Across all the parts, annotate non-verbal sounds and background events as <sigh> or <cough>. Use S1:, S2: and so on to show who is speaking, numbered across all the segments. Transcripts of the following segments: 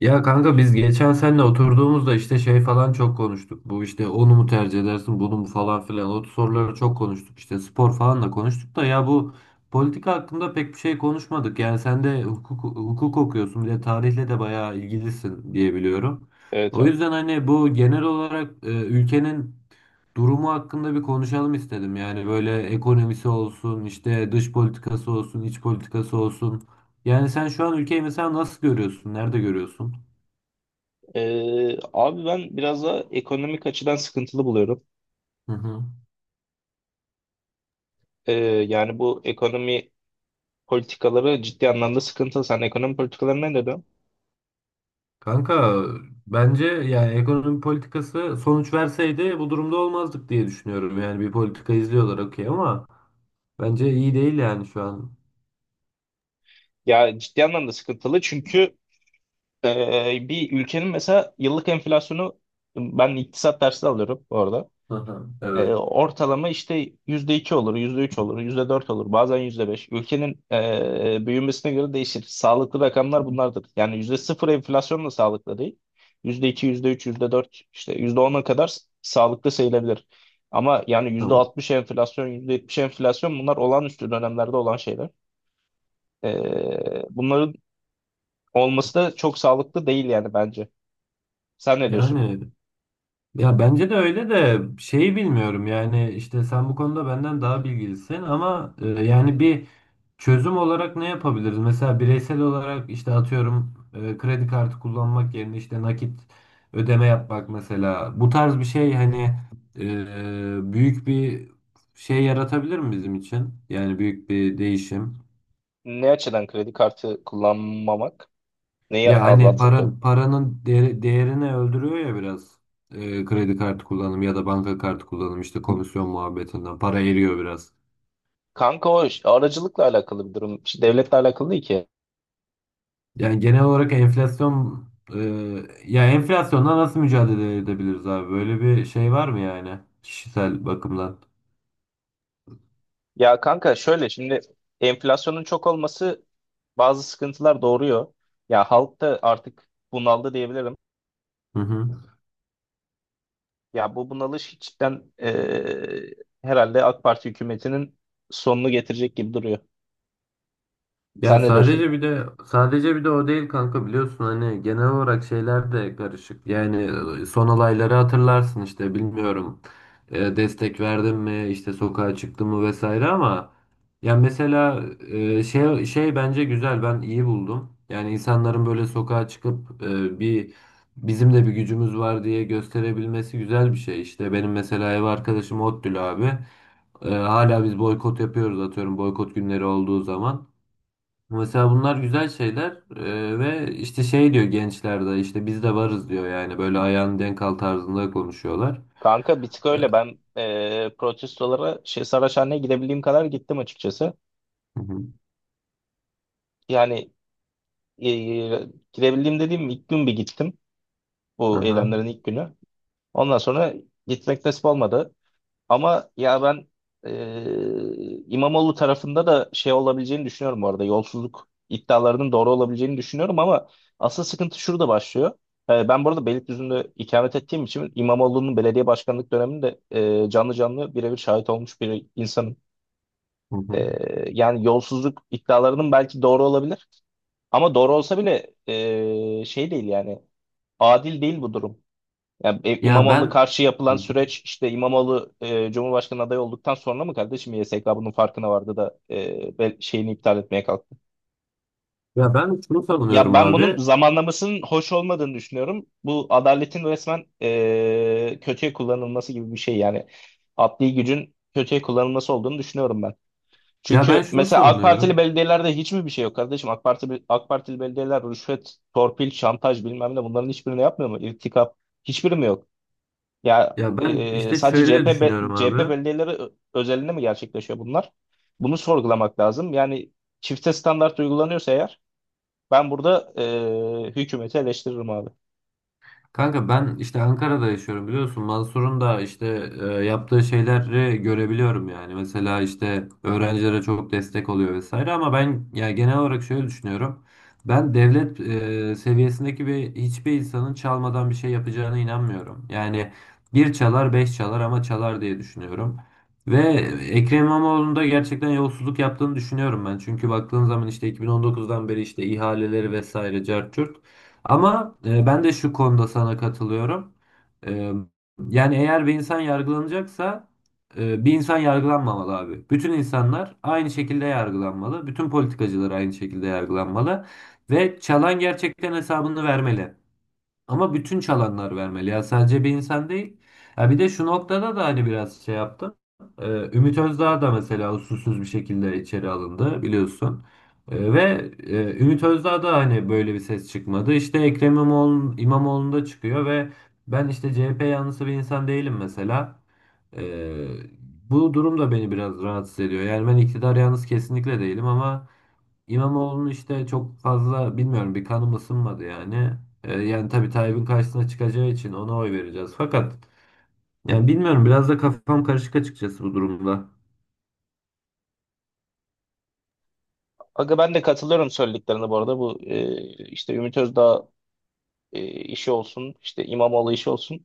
S1: Ya kanka biz geçen seninle oturduğumuzda işte şey falan çok konuştuk. Bu işte onu mu tercih edersin bunu mu falan filan. O soruları çok konuştuk. İşte spor falan da konuştuk da ya bu politika hakkında pek bir şey konuşmadık. Yani sen de hukuk okuyorsun, bir de tarihle de bayağı ilgilisin diye biliyorum.
S2: Evet
S1: O
S2: abi.
S1: yüzden hani bu genel olarak ülkenin durumu hakkında bir konuşalım istedim. Yani böyle ekonomisi olsun, işte dış politikası olsun, iç politikası olsun. Yani sen şu an ülkeyi mesela nasıl görüyorsun? Nerede görüyorsun?
S2: Abi ben biraz da ekonomik açıdan sıkıntılı buluyorum.
S1: Hı hı.
S2: Ee, Yani bu ekonomi politikaları ciddi anlamda sıkıntılı. Sen ekonomi politikaları ne dedin?
S1: Kanka bence yani ekonomi politikası sonuç verseydi bu durumda olmazdık diye düşünüyorum. Yani bir politika izliyorlar okey, ama bence iyi değil yani şu an.
S2: Ya ciddi anlamda sıkıntılı çünkü bir ülkenin mesela yıllık enflasyonu ben iktisat dersi alıyorum orada.
S1: Hı hı, evet.
S2: Ortalama işte yüzde iki olur, yüzde üç olur, yüzde dört olur, bazen yüzde beş. Ülkenin büyümesine göre değişir. Sağlıklı rakamlar bunlardır. Yani yüzde sıfır enflasyon da sağlıklı değil. Yüzde iki, yüzde üç, yüzde dört, işte yüzde ona kadar sağlıklı sayılabilir. Ama yani yüzde
S1: Tamam.
S2: altmış enflasyon, yüzde yetmiş enflasyon bunlar olağanüstü dönemlerde olan şeyler. Bunların olması da çok sağlıklı değil yani bence. Sen ne diyorsun?
S1: Yani ya bence de öyle, de şeyi bilmiyorum yani, işte sen bu konuda benden daha bilgilisin ama yani bir çözüm olarak ne yapabiliriz? Mesela bireysel olarak işte atıyorum, kredi kartı kullanmak yerine işte nakit ödeme yapmak mesela. Bu tarz bir şey hani büyük bir şey yaratabilir mi bizim için? Yani büyük bir değişim.
S2: Ne açıdan kredi kartı kullanmamak neyi
S1: Ya hani
S2: azaltır ki?
S1: paranın değeri- değerini öldürüyor ya biraz, kredi kartı kullanımı ya da banka kartı kullanımı işte komisyon muhabbetinden para eriyor biraz.
S2: Kanka o aracılıkla alakalı bir durum. İşte devletle alakalı değil ki.
S1: Yani genel olarak enflasyon, e, ya enflasyonla nasıl mücadele edebiliriz abi? Böyle bir şey var mı yani kişisel bakımdan?
S2: Ya kanka şöyle şimdi enflasyonun çok olması bazı sıkıntılar doğuruyor. Ya halk da artık bunaldı diyebilirim.
S1: Hı hı.
S2: Ya bu bunalış cidden herhalde AK Parti hükümetinin sonunu getirecek gibi duruyor.
S1: Ya
S2: Sen ne diyorsun?
S1: sadece bir de o değil kanka, biliyorsun hani genel olarak şeyler de karışık. Yani son olayları hatırlarsın, işte bilmiyorum destek verdim mi, işte sokağa çıktım mı vesaire, ama ya mesela şey bence güzel, ben iyi buldum. Yani insanların böyle sokağa çıkıp bir bizim de bir gücümüz var diye gösterebilmesi güzel bir şey. İşte benim mesela ev arkadaşım Ottül abi. Hala biz boykot yapıyoruz atıyorum, boykot günleri olduğu zaman. Mesela bunlar güzel şeyler, ve işte şey diyor, gençler de işte biz de varız diyor yani, böyle ayağın denk al tarzında konuşuyorlar.
S2: Kanka bir tık
S1: Eee,
S2: öyle ben protestolara şey Saraçhane'ye gidebildiğim kadar gittim açıkçası.
S1: Hı hı.
S2: Yani eee, gidebildiğim dediğim ilk gün bir gittim bu
S1: Aha.
S2: eylemlerin ilk günü. Ondan sonra gitmek nasip olmadı. Ama ya ben İmamoğlu tarafında da şey olabileceğini düşünüyorum bu arada. Yolsuzluk iddialarının doğru olabileceğini düşünüyorum ama asıl sıkıntı şurada başlıyor. Ben bu arada Beylikdüzü'nde ikamet ettiğim için İmamoğlu'nun belediye başkanlık döneminde canlı canlı birebir şahit olmuş bir insanım.
S1: Hı
S2: E,
S1: hı.
S2: Yani yolsuzluk iddialarının belki doğru olabilir. Ama doğru olsa bile şey değil yani adil değil bu durum. Ya
S1: Ya ben
S2: İmamoğlu'na karşı yapılan
S1: Hı hı.
S2: süreç işte İmamoğlu Cumhurbaşkanı adayı olduktan sonra mı kardeşim YSK bunun farkına vardı da şeyini iptal etmeye kalktı?
S1: Ya ben şunu
S2: Ya
S1: savunuyorum
S2: ben bunun
S1: abi.
S2: zamanlamasının hoş olmadığını düşünüyorum. Bu adaletin resmen kötüye kullanılması gibi bir şey yani adli gücün kötüye kullanılması olduğunu düşünüyorum ben.
S1: Ya ben
S2: Çünkü
S1: şunu
S2: mesela AK Partili
S1: savunuyorum.
S2: belediyelerde hiç mi bir şey yok kardeşim? AK Parti, AK Partili belediyeler rüşvet, torpil, şantaj bilmem ne bunların hiçbirini yapmıyor mu? İrtikap hiçbiri mi yok? Ya
S1: Ya ben işte
S2: sadece
S1: şöyle
S2: CHP,
S1: düşünüyorum
S2: be- CHP
S1: abi.
S2: belediyeleri özelinde mi gerçekleşiyor bunlar? Bunu sorgulamak lazım. Yani çifte standart uygulanıyorsa eğer ben burada hükümeti eleştiririm abi.
S1: Kanka ben işte Ankara'da yaşıyorum biliyorsun. Mansur'un da işte yaptığı şeyleri görebiliyorum yani. Mesela işte öğrencilere çok destek oluyor vesaire, ama ben ya genel olarak şöyle düşünüyorum. Ben devlet seviyesindeki bir hiçbir insanın çalmadan bir şey yapacağına inanmıyorum. Yani bir çalar beş çalar ama çalar diye düşünüyorum. Ve Ekrem İmamoğlu'nun da gerçekten yolsuzluk yaptığını düşünüyorum ben. Çünkü baktığın zaman işte 2019'dan beri işte ihaleleri vesaire cart curt. Ama ben de şu konuda sana katılıyorum. E, Yani eğer bir insan yargılanacaksa bir insan yargılanmamalı abi. Bütün insanlar aynı şekilde yargılanmalı. Bütün politikacılar aynı şekilde yargılanmalı. Ve çalan gerçekten hesabını vermeli. Ama bütün çalanlar vermeli, ya sadece bir insan değil. Ya bir de şu noktada da hani biraz şey yaptım. Ee, Ümit Özdağ da mesela usulsüz bir şekilde içeri alındı biliyorsun. Ümit Özdağ da hani böyle bir ses çıkmadı. İşte İmamoğlu'nda çıkıyor ve ben işte CHP yanlısı bir insan değilim mesela. Ee, Bu durum da beni biraz rahatsız ediyor. Yani ben iktidar yanlısı kesinlikle değilim, ama İmamoğlu'nu işte çok fazla bilmiyorum, bir kanım ısınmadı yani. Yani tabii Tayyip'in karşısına çıkacağı için ona oy vereceğiz. Fakat yani bilmiyorum, biraz da kafam karışık açıkçası bu durumda.
S2: Aga ben de katılıyorum söylediklerine bu arada. Bu işte Ümit Özdağ işi olsun, işte İmamoğlu işi olsun.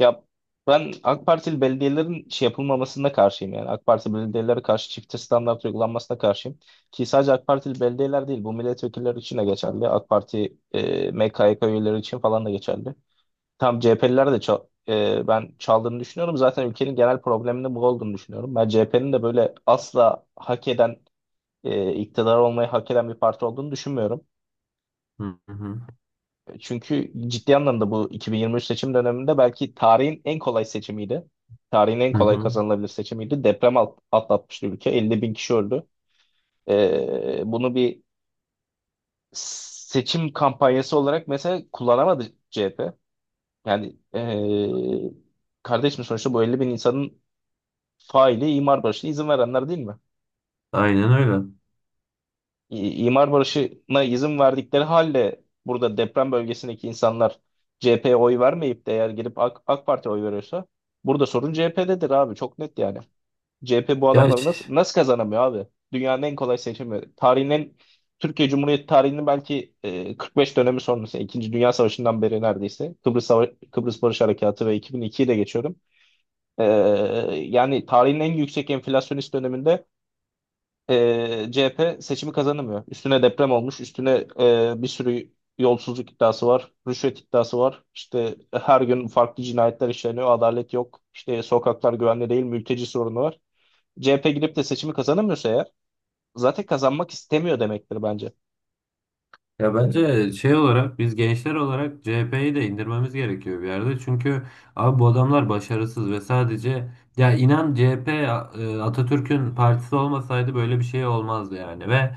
S2: Ya ben AK Partili belediyelerin şey yapılmamasına karşıyım yani. AK Parti belediyelere karşı çifte standart uygulanmasına karşıyım. Ki sadece AK Partili belediyeler değil, bu milletvekilleri için de geçerli. AK Parti MKYK üyeleri için falan da geçerli. Tam CHP'liler de çok ben çaldığını düşünüyorum. Zaten ülkenin genel probleminin bu olduğunu düşünüyorum. Ben CHP'nin de böyle asla hak eden, iktidar olmayı hak eden bir parti olduğunu düşünmüyorum.
S1: Hı hı.
S2: Çünkü ciddi anlamda bu 2023 seçim döneminde belki tarihin en kolay seçimiydi. Tarihin en
S1: Hı
S2: kolay
S1: hı.
S2: kazanılabilir seçimiydi. Deprem atlatmıştı ülke. 50 bin kişi öldü. Bunu bir seçim kampanyası olarak mesela kullanamadı CHP. Yani kardeşim sonuçta bu 50 bin insanın faili imar barışına izin verenler değil mi?
S1: Aynen öyle.
S2: İmar barışına izin verdikleri halde burada deprem bölgesindeki insanlar CHP'ye oy vermeyip de eğer girip AK Parti'ye oy veriyorsa burada sorun CHP'dedir abi çok net yani. CHP bu
S1: Ya,
S2: adamları nasıl
S1: ş-
S2: nasıl kazanamıyor abi? Dünyanın en kolay seçimi. Türkiye Cumhuriyeti tarihinin belki 45 dönemi sonrası, İkinci Dünya Savaşı'ndan beri neredeyse. Kıbrıs, Kıbrıs Barış Harekatı ve 2002'yi de geçiyorum. E, Yani tarihin en yüksek enflasyonist döneminde CHP seçimi kazanamıyor. Üstüne deprem olmuş, üstüne bir sürü yolsuzluk iddiası var, rüşvet iddiası var. İşte her gün farklı cinayetler işleniyor, adalet yok. İşte sokaklar güvenli değil, mülteci sorunu var. CHP gidip de seçimi kazanamıyorsa eğer zaten kazanmak istemiyor demektir bence.
S1: Ya bence şey olarak biz gençler olarak CHP'yi de indirmemiz gerekiyor bir yerde. Çünkü abi bu adamlar başarısız ve sadece, ya inan CHP Atatürk'ün partisi olmasaydı böyle bir şey olmazdı yani. Ve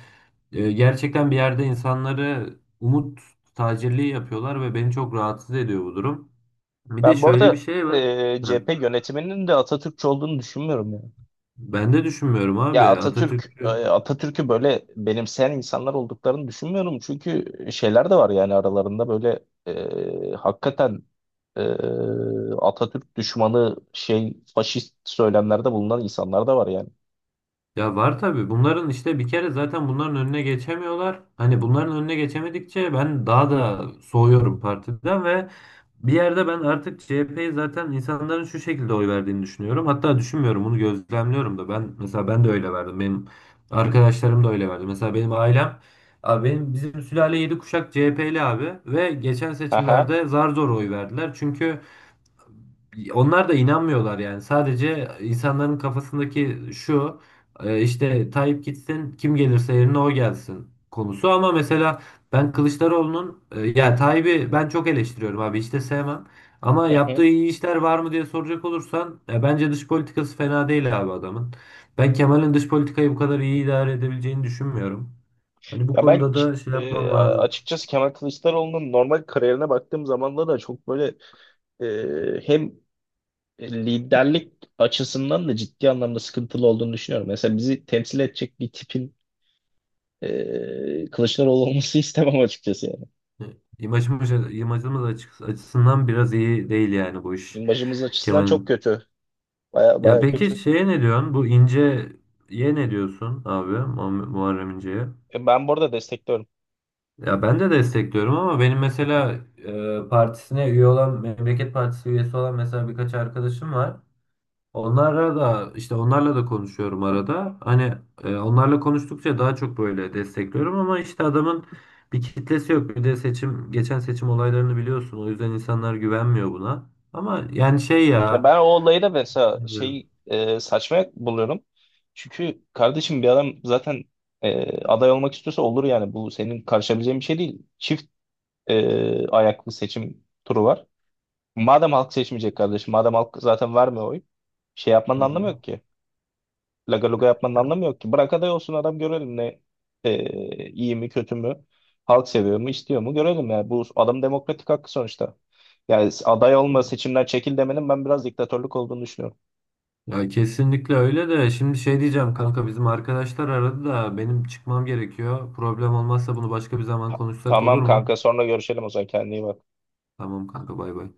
S1: Gerçekten bir yerde insanları umut tacirliği yapıyorlar ve beni çok rahatsız ediyor bu durum. Bir de
S2: Ben bu
S1: şöyle bir
S2: arada
S1: şey var. Ha,
S2: CHP yönetiminin de Atatürkçü olduğunu düşünmüyorum ya.
S1: ben de düşünmüyorum
S2: Ya
S1: abi. Atatürk…
S2: Atatürk'ü böyle benimseyen insanlar olduklarını düşünmüyorum. Çünkü şeyler de var yani aralarında böyle hakikaten e, Atatürk düşmanı şey faşist söylemlerde bulunan insanlar da var yani.
S1: Ya var tabii. Bunların işte bir kere zaten bunların önüne geçemiyorlar. Hani bunların önüne geçemedikçe ben daha da soğuyorum partiden. Ve bir yerde ben artık CHP'yi zaten insanların şu şekilde oy verdiğini düşünüyorum. Hatta düşünmüyorum, bunu gözlemliyorum da. Ben mesela ben de öyle verdim. Benim arkadaşlarım da öyle verdi. Mesela benim ailem abi, bizim sülale 7 kuşak CHP'li abi, ve geçen
S2: Aha.
S1: seçimlerde zar zor oy verdiler. Çünkü onlar da inanmıyorlar yani. Sadece insanların kafasındaki şu işte Tayyip gitsin kim gelirse yerine o gelsin konusu, ama mesela ben Kılıçdaroğlu'nun ya Tayyip'i ben çok eleştiriyorum abi, hiç de sevmem. Ama
S2: Hı
S1: yaptığı
S2: hı.
S1: iyi işler var mı diye soracak olursan, ya bence dış politikası fena değil abi adamın. Ben Kemal'in dış politikayı bu kadar iyi idare edebileceğini düşünmüyorum. Hani bu
S2: Ya ben
S1: konuda da şey yapmam lazım.
S2: açıkçası Kemal Kılıçdaroğlu'nun normal kariyerine baktığım zaman da çok böyle hem liderlik açısından da ciddi anlamda sıkıntılı olduğunu düşünüyorum. Mesela bizi temsil edecek bir tipin Kılıçdaroğlu olması <laughs> istemem açıkçası yani.
S1: İmajımız açı- açısından biraz iyi değil yani bu iş,
S2: İmajımız açısından çok
S1: Kemal'in.
S2: kötü. Baya
S1: Ya
S2: baya
S1: peki
S2: kötü.
S1: şeye ne diyorsun? Bu İnce'ye ne diyorsun abi? Muharrem İnce'ye.
S2: Ben bu arada destekliyorum.
S1: Ya ben de destekliyorum, ama benim mesela partisine üye olan, Memleket Partisi üyesi olan mesela birkaç arkadaşım var. Onlara da işte onlarla da konuşuyorum arada. Hani onlarla konuştukça daha çok böyle destekliyorum, ama işte adamın bir kitlesi yok. Bir de seçim, geçen seçim olaylarını biliyorsun. O yüzden insanlar güvenmiyor buna. Ama yani şey
S2: Ya
S1: ya,
S2: ben o olayı da mesela
S1: bilmiyorum.
S2: şey saçma buluyorum. Çünkü kardeşim bir adam zaten aday olmak istiyorsa olur yani. Bu senin karışabileceğin bir şey değil. Çift ayaklı seçim turu var. Madem halk seçmeyecek kardeşim, madem halk zaten vermiyor oy, şey yapmanın
S1: Hı
S2: anlamı
S1: hı.
S2: yok ki. Laga luga yapmanın
S1: Ya
S2: anlamı yok ki. Bırak aday olsun adam görelim ne iyi mi kötü mü halk seviyor mu istiyor mu görelim ya. Bu adam demokratik hakkı sonuçta. Yani aday olma seçimden çekil demenin ben biraz diktatörlük olduğunu düşünüyorum.
S1: ya kesinlikle öyle, de şimdi şey diyeceğim kanka, bizim arkadaşlar aradı da benim çıkmam gerekiyor. Problem olmazsa bunu başka bir zaman konuşsak
S2: Tamam
S1: olur
S2: kanka
S1: mu?
S2: sonra görüşelim o zaman kendine iyi bak.
S1: Tamam kanka, bay bay.